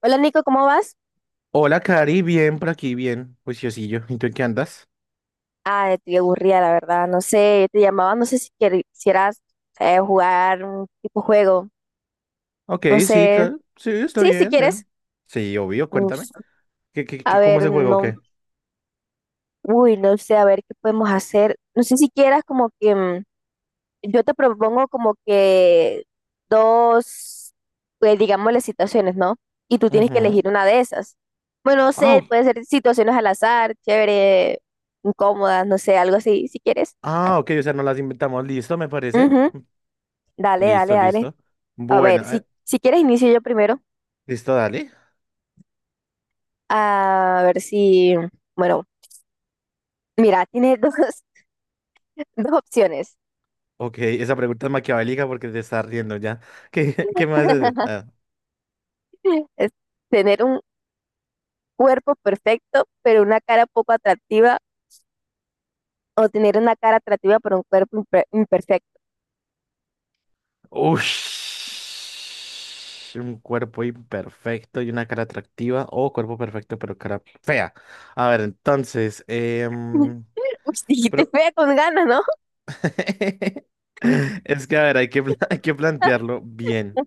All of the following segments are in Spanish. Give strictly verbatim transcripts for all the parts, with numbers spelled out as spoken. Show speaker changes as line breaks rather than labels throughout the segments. Hola Nico, ¿cómo vas?
Hola, Cari, bien por aquí, bien, juiciosillo. ¿Y tú en qué andas?
Ah, estoy aburrida, la verdad. No sé, te llamaba, no sé si quier- quisieras eh, jugar un tipo juego.
Ok,
No
sí,
sé.
claro. Sí, está
Sí, si
bien. eh.
quieres.
Sí, obvio,
Mm,
cuéntame. ¿Qué, qué, qué,
A
cómo es
ver,
el juego o
no.
qué?
Uy, no sé, a ver qué podemos hacer. No sé si quieras como que mm, yo te propongo como que dos, pues digamos las situaciones, ¿no? Y tú tienes que
Ujú.
elegir una de esas. Bueno, no
Ah,
sé,
o-
puede ser situaciones al azar, chévere, incómodas, no sé, algo así, si quieres.
ah, ok, o sea, no las inventamos. Listo, me parece.
Ujú. Dale, dale,
Listo,
dale.
listo.
A
Bueno,
ver, si,
eh,
si quieres inicio yo primero.
listo, dale.
A ver si, bueno, mira, tiene dos, dos opciones.
Ok, esa pregunta es maquiavélica porque te estás riendo ya. ¿Qué, qué me vas a hacer? Ah.
Es tener un cuerpo perfecto, pero una cara poco atractiva, o tener una cara atractiva, pero un cuerpo imper- imperfecto.
Ush, un cuerpo imperfecto y una cara atractiva o cuerpo perfecto pero cara fea. A ver, entonces,
Uy,
em,
dijiste
espero.
fea con ganas, ¿no?
Es que, a ver, hay que, pla- hay que plantearlo bien.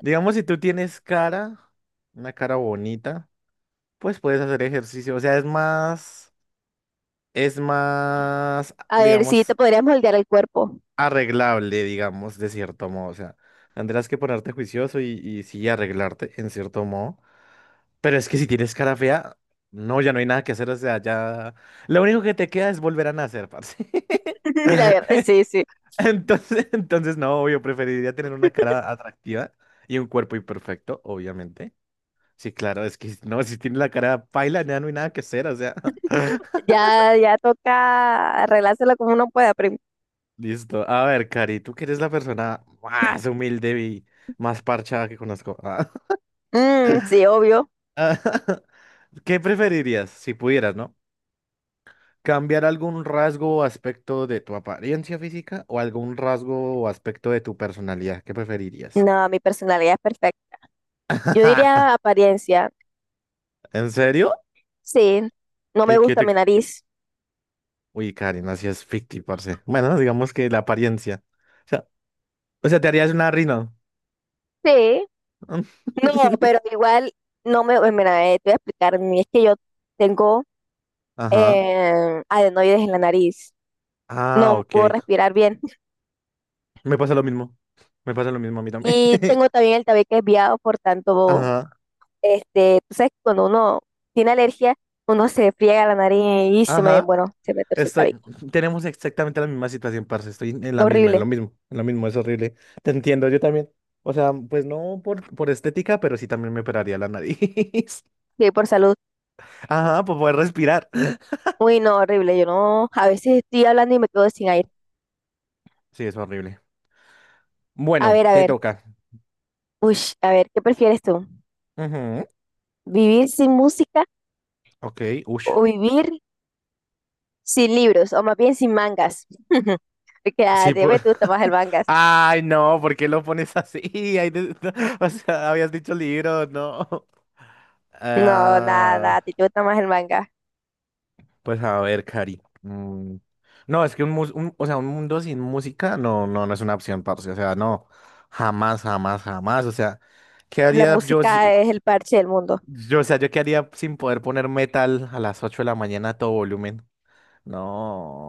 Digamos, si tú tienes cara, una cara bonita, pues puedes hacer ejercicio. O sea, es más, es más,
A ver, si te
digamos,
podrías moldear el cuerpo.
arreglable, digamos, de cierto modo. O sea, tendrás que ponerte juicioso y, y sí arreglarte, en cierto modo. Pero es que si tienes cara fea, no, ya no hay nada que hacer, o sea, ya. Lo único que te queda es volver a nacer, parce.
La verdad, sí, sí.
Entonces, entonces no, yo preferiría tener una cara atractiva y un cuerpo imperfecto, obviamente. Sí, claro, es que no, si tienes la cara paila, ya no hay nada que hacer, o sea.
Ya, ya toca arreglárselo como uno pueda, pero
Listo. A ver, Cari, tú que eres la persona más humilde y más parchada que conozco.
mm, sí, obvio.
Ah. ¿Qué preferirías si pudieras, no, cambiar algún rasgo o aspecto de tu apariencia física o algún rasgo o aspecto de tu personalidad? ¿Qué preferirías?
No, mi personalidad es perfecta. Yo diría apariencia.
¿En serio?
Sí, no me
¿Y qué
gusta
te?
mi nariz.
Uy, Karen, así es ficti, parce. Bueno, digamos que la apariencia. O sea, o sea, te harías una rino.
Sí, no, pero igual no me. Eh, Mira, eh, te voy a explicar. mi- Es que yo tengo
Ajá.
eh, adenoides en la nariz.
Ah,
No
ok.
puedo respirar bien.
Me pasa lo mismo. Me pasa lo mismo a mí también.
Y tengo también el tabique desviado, por tanto,
Ajá.
este, tú sabes, que cuando uno tiene alergia, uno se friega la nariz y se me,
Ajá.
bueno, se me torce el
Estoy-
tabique.
tenemos exactamente la misma situación, parce. Estoy en la misma, en
Horrible.
lo mismo, en lo mismo, es horrible. Te entiendo, yo también. O sea, pues no por, por estética, pero sí también me operaría la nariz.
Sí, por salud.
Ajá, por poder respirar.
Uy, no, horrible. Yo no. A veces estoy hablando y me quedo sin aire.
Sí, es horrible.
A
Bueno,
ver, a
te
ver.
toca.
Uy, a ver, ¿qué prefieres tú?
Ujú.
¿Vivir sin música?
Ok,
¿O
ush.
vivir sin libros, o más bien sin mangas? Porque a
Sí,
ti te
por.
gusta más el manga.
Ay, no, ¿por qué lo pones así? Ay, de- O sea, habías dicho libro, no.
No, nada, nada,
Ah.
a ti te gusta más el manga.
Pues a ver, Cari. mm, No, es que un, mus- un- o sea, un mundo sin música no, no, no es una opción, parce. O sea, no. Jamás, jamás, jamás. O sea, ¿qué
La
haría yo, si-
música es el parche del mundo.
yo, o sea, yo qué haría sin poder poner metal a las ocho de la mañana a todo volumen?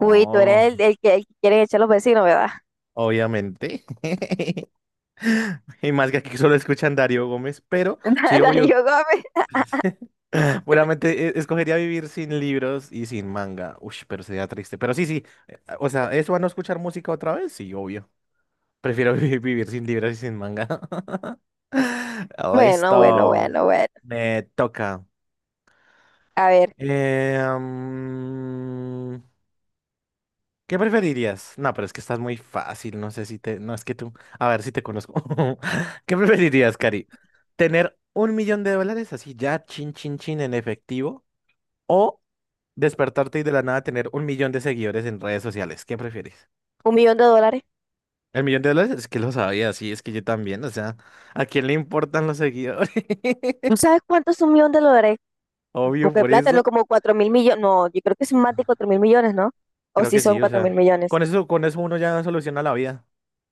Uy, tú eres el, el que, el que quieren echar los vecinos, ¿verdad?
obviamente. Y más que aquí solo escuchan Darío Gómez, pero sí, obvio.
Darío Gómez.
Seguramente eh, escogería vivir sin libros y sin manga. Uy, pero sería triste. Pero sí, sí. eh, ah, O sea, ¿eso a no escuchar música otra vez? Sí, obvio. Prefiero vivir, vivir sin libros y sin manga.
Bueno, bueno,
Listo.
bueno, bueno.
Me toca.
A ver,
Eh, mm, ¿qué preferirías? No, pero es que estás muy fácil. No sé si te. No, es que tú. A ver si te conozco. ¿Qué preferirías, Cari? ¿Tener un millón de dólares así ya, chin, chin, chin, en efectivo? O despertarte y de la nada tener un millón de seguidores en redes sociales. ¿Qué prefieres?
un millón de dólares.
El millón de dólares es que lo sabía, sí, es que yo también. O sea, ¿a quién le importan los seguidores?
¿No sabes cuánto es un millón de dólares?
Obvio,
Porque de
por
plata, no
esto.
como cuatro mil millones. No, yo creo que son más de cuatro mil millones, ¿no? O
Creo
si
que
son
sí, o
cuatro mil
sea.
millones.
Con eso, con eso uno ya soluciona la vida.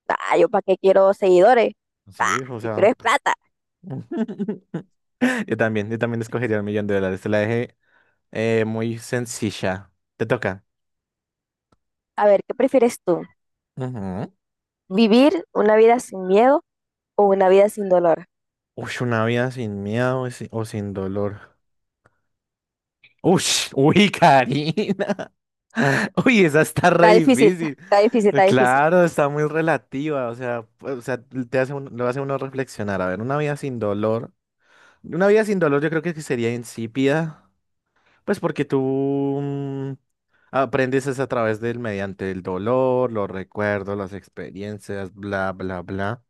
Ah, yo para qué quiero seguidores. Ah,
Sí, o
yo quiero
sea.
es plata.
Yo también, yo también escogería el millón de dólares. Te la dejé eh, muy sencilla. Te toca.
A ver, ¿qué prefieres tú?
Ujú.
¿Vivir una vida sin miedo o una vida sin dolor?
Uy, una vida sin miedo y sin- o sin dolor. Uy, uy, Karina. Uy, esa está
Está
re
difícil,
difícil.
está difícil, está difícil.
Claro, está muy relativa, o sea, pues, o sea, te hace un- lo hace uno reflexionar. A ver, una vida sin dolor. Una vida sin dolor yo creo que sería insípida, pues porque tú mm, aprendes es a través del, mediante el dolor, los recuerdos, las experiencias, bla, bla, bla.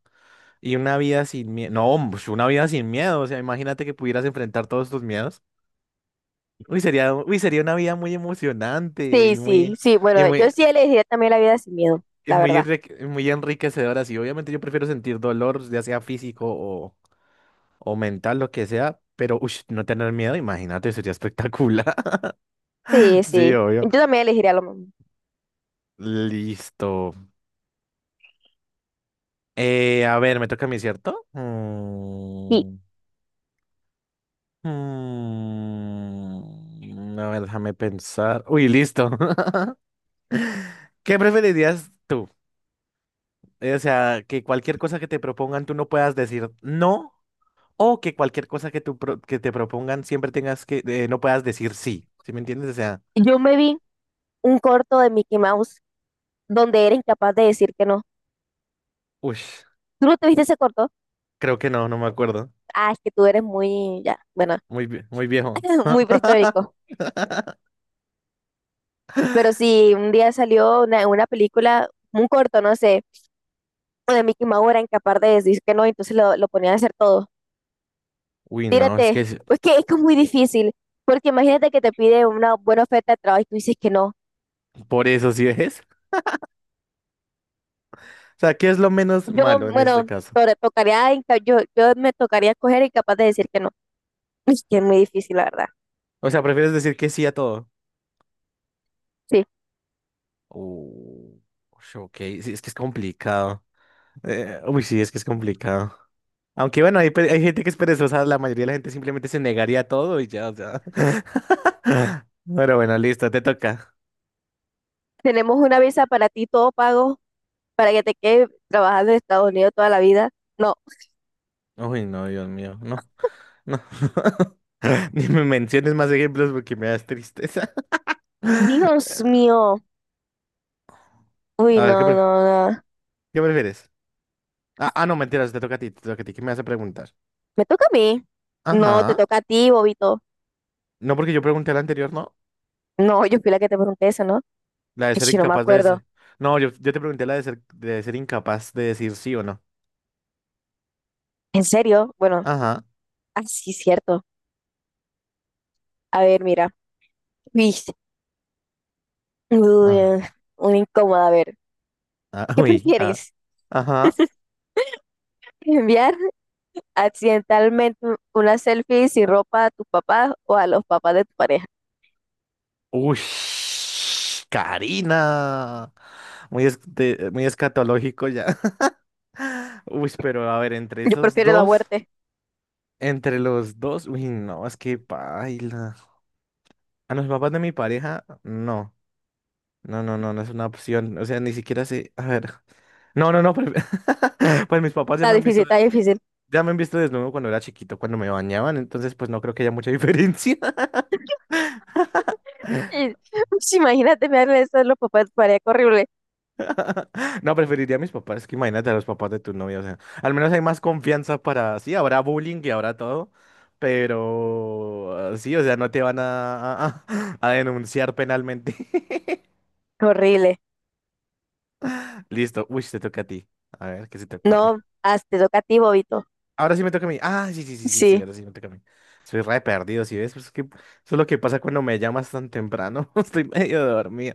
Y una vida sin miedo, no, pues, una vida sin miedo, o sea, imagínate que pudieras enfrentar todos tus miedos. Uy, sería, uy, sería una vida muy emocionante
Sí,
y
sí,
muy.
sí.
Y
Bueno, yo
muy,
sí elegiría también la vida sin miedo,
es
la
muy,
verdad.
enrique- es muy enriquecedoras y obviamente yo prefiero sentir dolor, ya sea físico o, o mental, lo que sea, pero ush, no tener miedo, imagínate, sería espectacular.
Sí, sí.
Sí, obvio.
Yo también elegiría lo mismo.
Listo. Eh, a ver, me toca a mí, ¿cierto?
Y
Mm, mm, a ver, déjame pensar. Uy, listo. ¿Qué preferirías tú? Eh, O sea, que cualquier cosa que te propongan tú no puedas decir no o que cualquier cosa que, tú pro- que te propongan siempre tengas que, eh, no puedas decir sí, ¿sí me entiendes? O sea,
yo me vi un corto de Mickey Mouse donde era incapaz de decir que no.
uy,
¿Tú no te viste ese corto?
creo que no, no me acuerdo.
Ah, es que tú eres muy, ya, bueno,
Muy, vie- muy viejo.
muy prehistórico. Pero sí, un día salió una, una película, un corto, no sé, donde Mickey Mouse era incapaz de decir que no, entonces lo, lo ponían a hacer todo.
Uy, no, es que
Tírate.
es-
Pues que es que es muy difícil, porque imagínate que te pide una buena oferta de trabajo y tú dices que no.
por eso sí es. O sea, ¿qué es lo menos
Yo,
malo en este
bueno,
caso?
to- tocaría, inca- yo, yo me tocaría escoger y capaz de decir que no. Es que es muy difícil, la verdad.
O sea, ¿prefieres decir que sí a todo?
Sí.
Uh, ush, ok, sí, es que es complicado. Eh, uy, sí, es que es complicado. Aunque bueno, hay, pe- hay gente que es perezosa, la mayoría de la gente simplemente se negaría a todo y ya, o sea. Pero bueno, listo, te toca.
Tenemos una visa para ti, todo pago, para que te quedes trabajando en Estados Unidos toda la vida. No.
Uy, no, Dios mío, no, no. Ni me menciones más ejemplos porque me das tristeza.
Dios mío. Uy,
A ver, ¿qué,
no,
pref-
no, no.
qué prefieres? Ah, ah, no, mentiras, te toca a ti, te toca a ti. ¿Qué me vas a preguntar?
Me toca a mí. No, te
Ajá.
toca a ti, bobito.
No, porque yo pregunté la anterior, ¿no?
No, yo fui la que te pregunté eso, ¿no?
La de
Ay,
ser
sí, no me
incapaz de
acuerdo.
decir. No, yo, yo, te pregunté la de ser, de ser incapaz de decir sí o no.
¿En serio? Bueno,
Ajá.
así es cierto. A ver, mira. Uy, uy,
Ah,
eh, una incómoda. A ver,
ah,
¿qué
uy, ah,
prefieres?
ajá.
¿Enviar accidentalmente una selfie sin ropa a tus papás o a los papás de tu pareja?
Uy, Karina. Muy, es- de- muy escatológico ya. Uy, pero a ver, entre
Yo
esos
prefiero la
dos,
muerte.
entre los dos, uy, no, es que paila. A los papás de mi pareja, no. No, no, no, no es una opción. O sea, ni siquiera sé. A ver. No, no, no. Pues, pues mis papás ya
Está
me han
difícil,
visto, des-
está difícil.
ya me han visto desnudo cuando era chiquito, cuando me bañaban, entonces pues no creo que haya mucha diferencia.
Ush, imagínate enviarle eso a los papás de tu pareja. Qué horrible,
No, preferiría a mis papás, que imagínate a los papás de tu novia, o sea, al menos hay más confianza para, sí, habrá bullying y habrá todo, pero ah, sí, o sea, no te van a, a, a denunciar penalmente.
qué horrible.
Listo, uy, te toca a ti. A ver, ¿qué se te
No,
ocurre?
hazte toca a ti, bobito.
Ahora sí me toca a mí. Ah, sí, sí, sí, sí, sí,
Sí,
ahora sí me toca a mí. Soy re perdido, ¿sí ves? Pues es que eso es lo que pasa cuando me llamas tan temprano. Estoy medio dormido.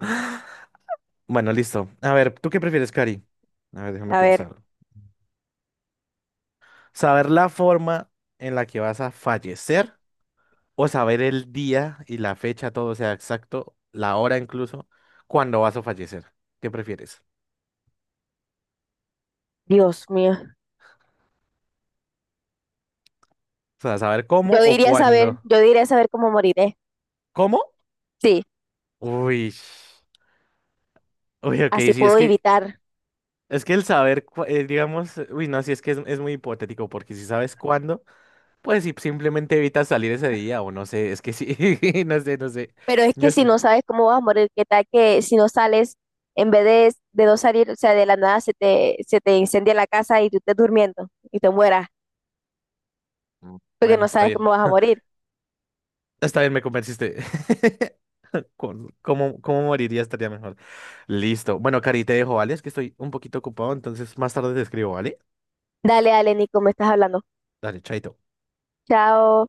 Bueno, listo. A ver, ¿tú qué prefieres, Cari? A ver, déjame
a ver,
pensar. Saber la forma en la que vas a fallecer o saber el día y la fecha, todo, o sea, exacto, la hora incluso, cuando vas a fallecer. ¿Qué prefieres?
Dios mío.
O sea, saber cómo
Yo
o
diría saber,
cuándo.
yo diría saber cómo moriré.
¿Cómo?
Sí,
Uy. Uy, ok,
así
sí, es
puedo
que,
evitar.
es que el saber, cu- eh, digamos, uy, no, sí, es que es, es muy hipotético, porque si sabes cuándo, pues si simplemente evitas salir ese día, o no sé, es que sí, no sé, no sé.
Pero es
Yo
que si
estoy.
no sabes cómo vas a morir, qué tal que si no sales, en vez de, de no salir, o sea, de la nada se te, se te incendia la casa y tú estés durmiendo y te mueras,
mm,
porque
Bueno,
no
está
sabes
bien.
cómo vas a morir.
Está bien, me convenciste. con- ¿Cómo, cómo moriría? Estaría mejor. Listo. Bueno, Cari, te dejo, ¿vale? Es que estoy un poquito ocupado, entonces más tarde te escribo, ¿vale?
Dale, dale, Nico, me estás hablando.
Dale, chaito.
Chao.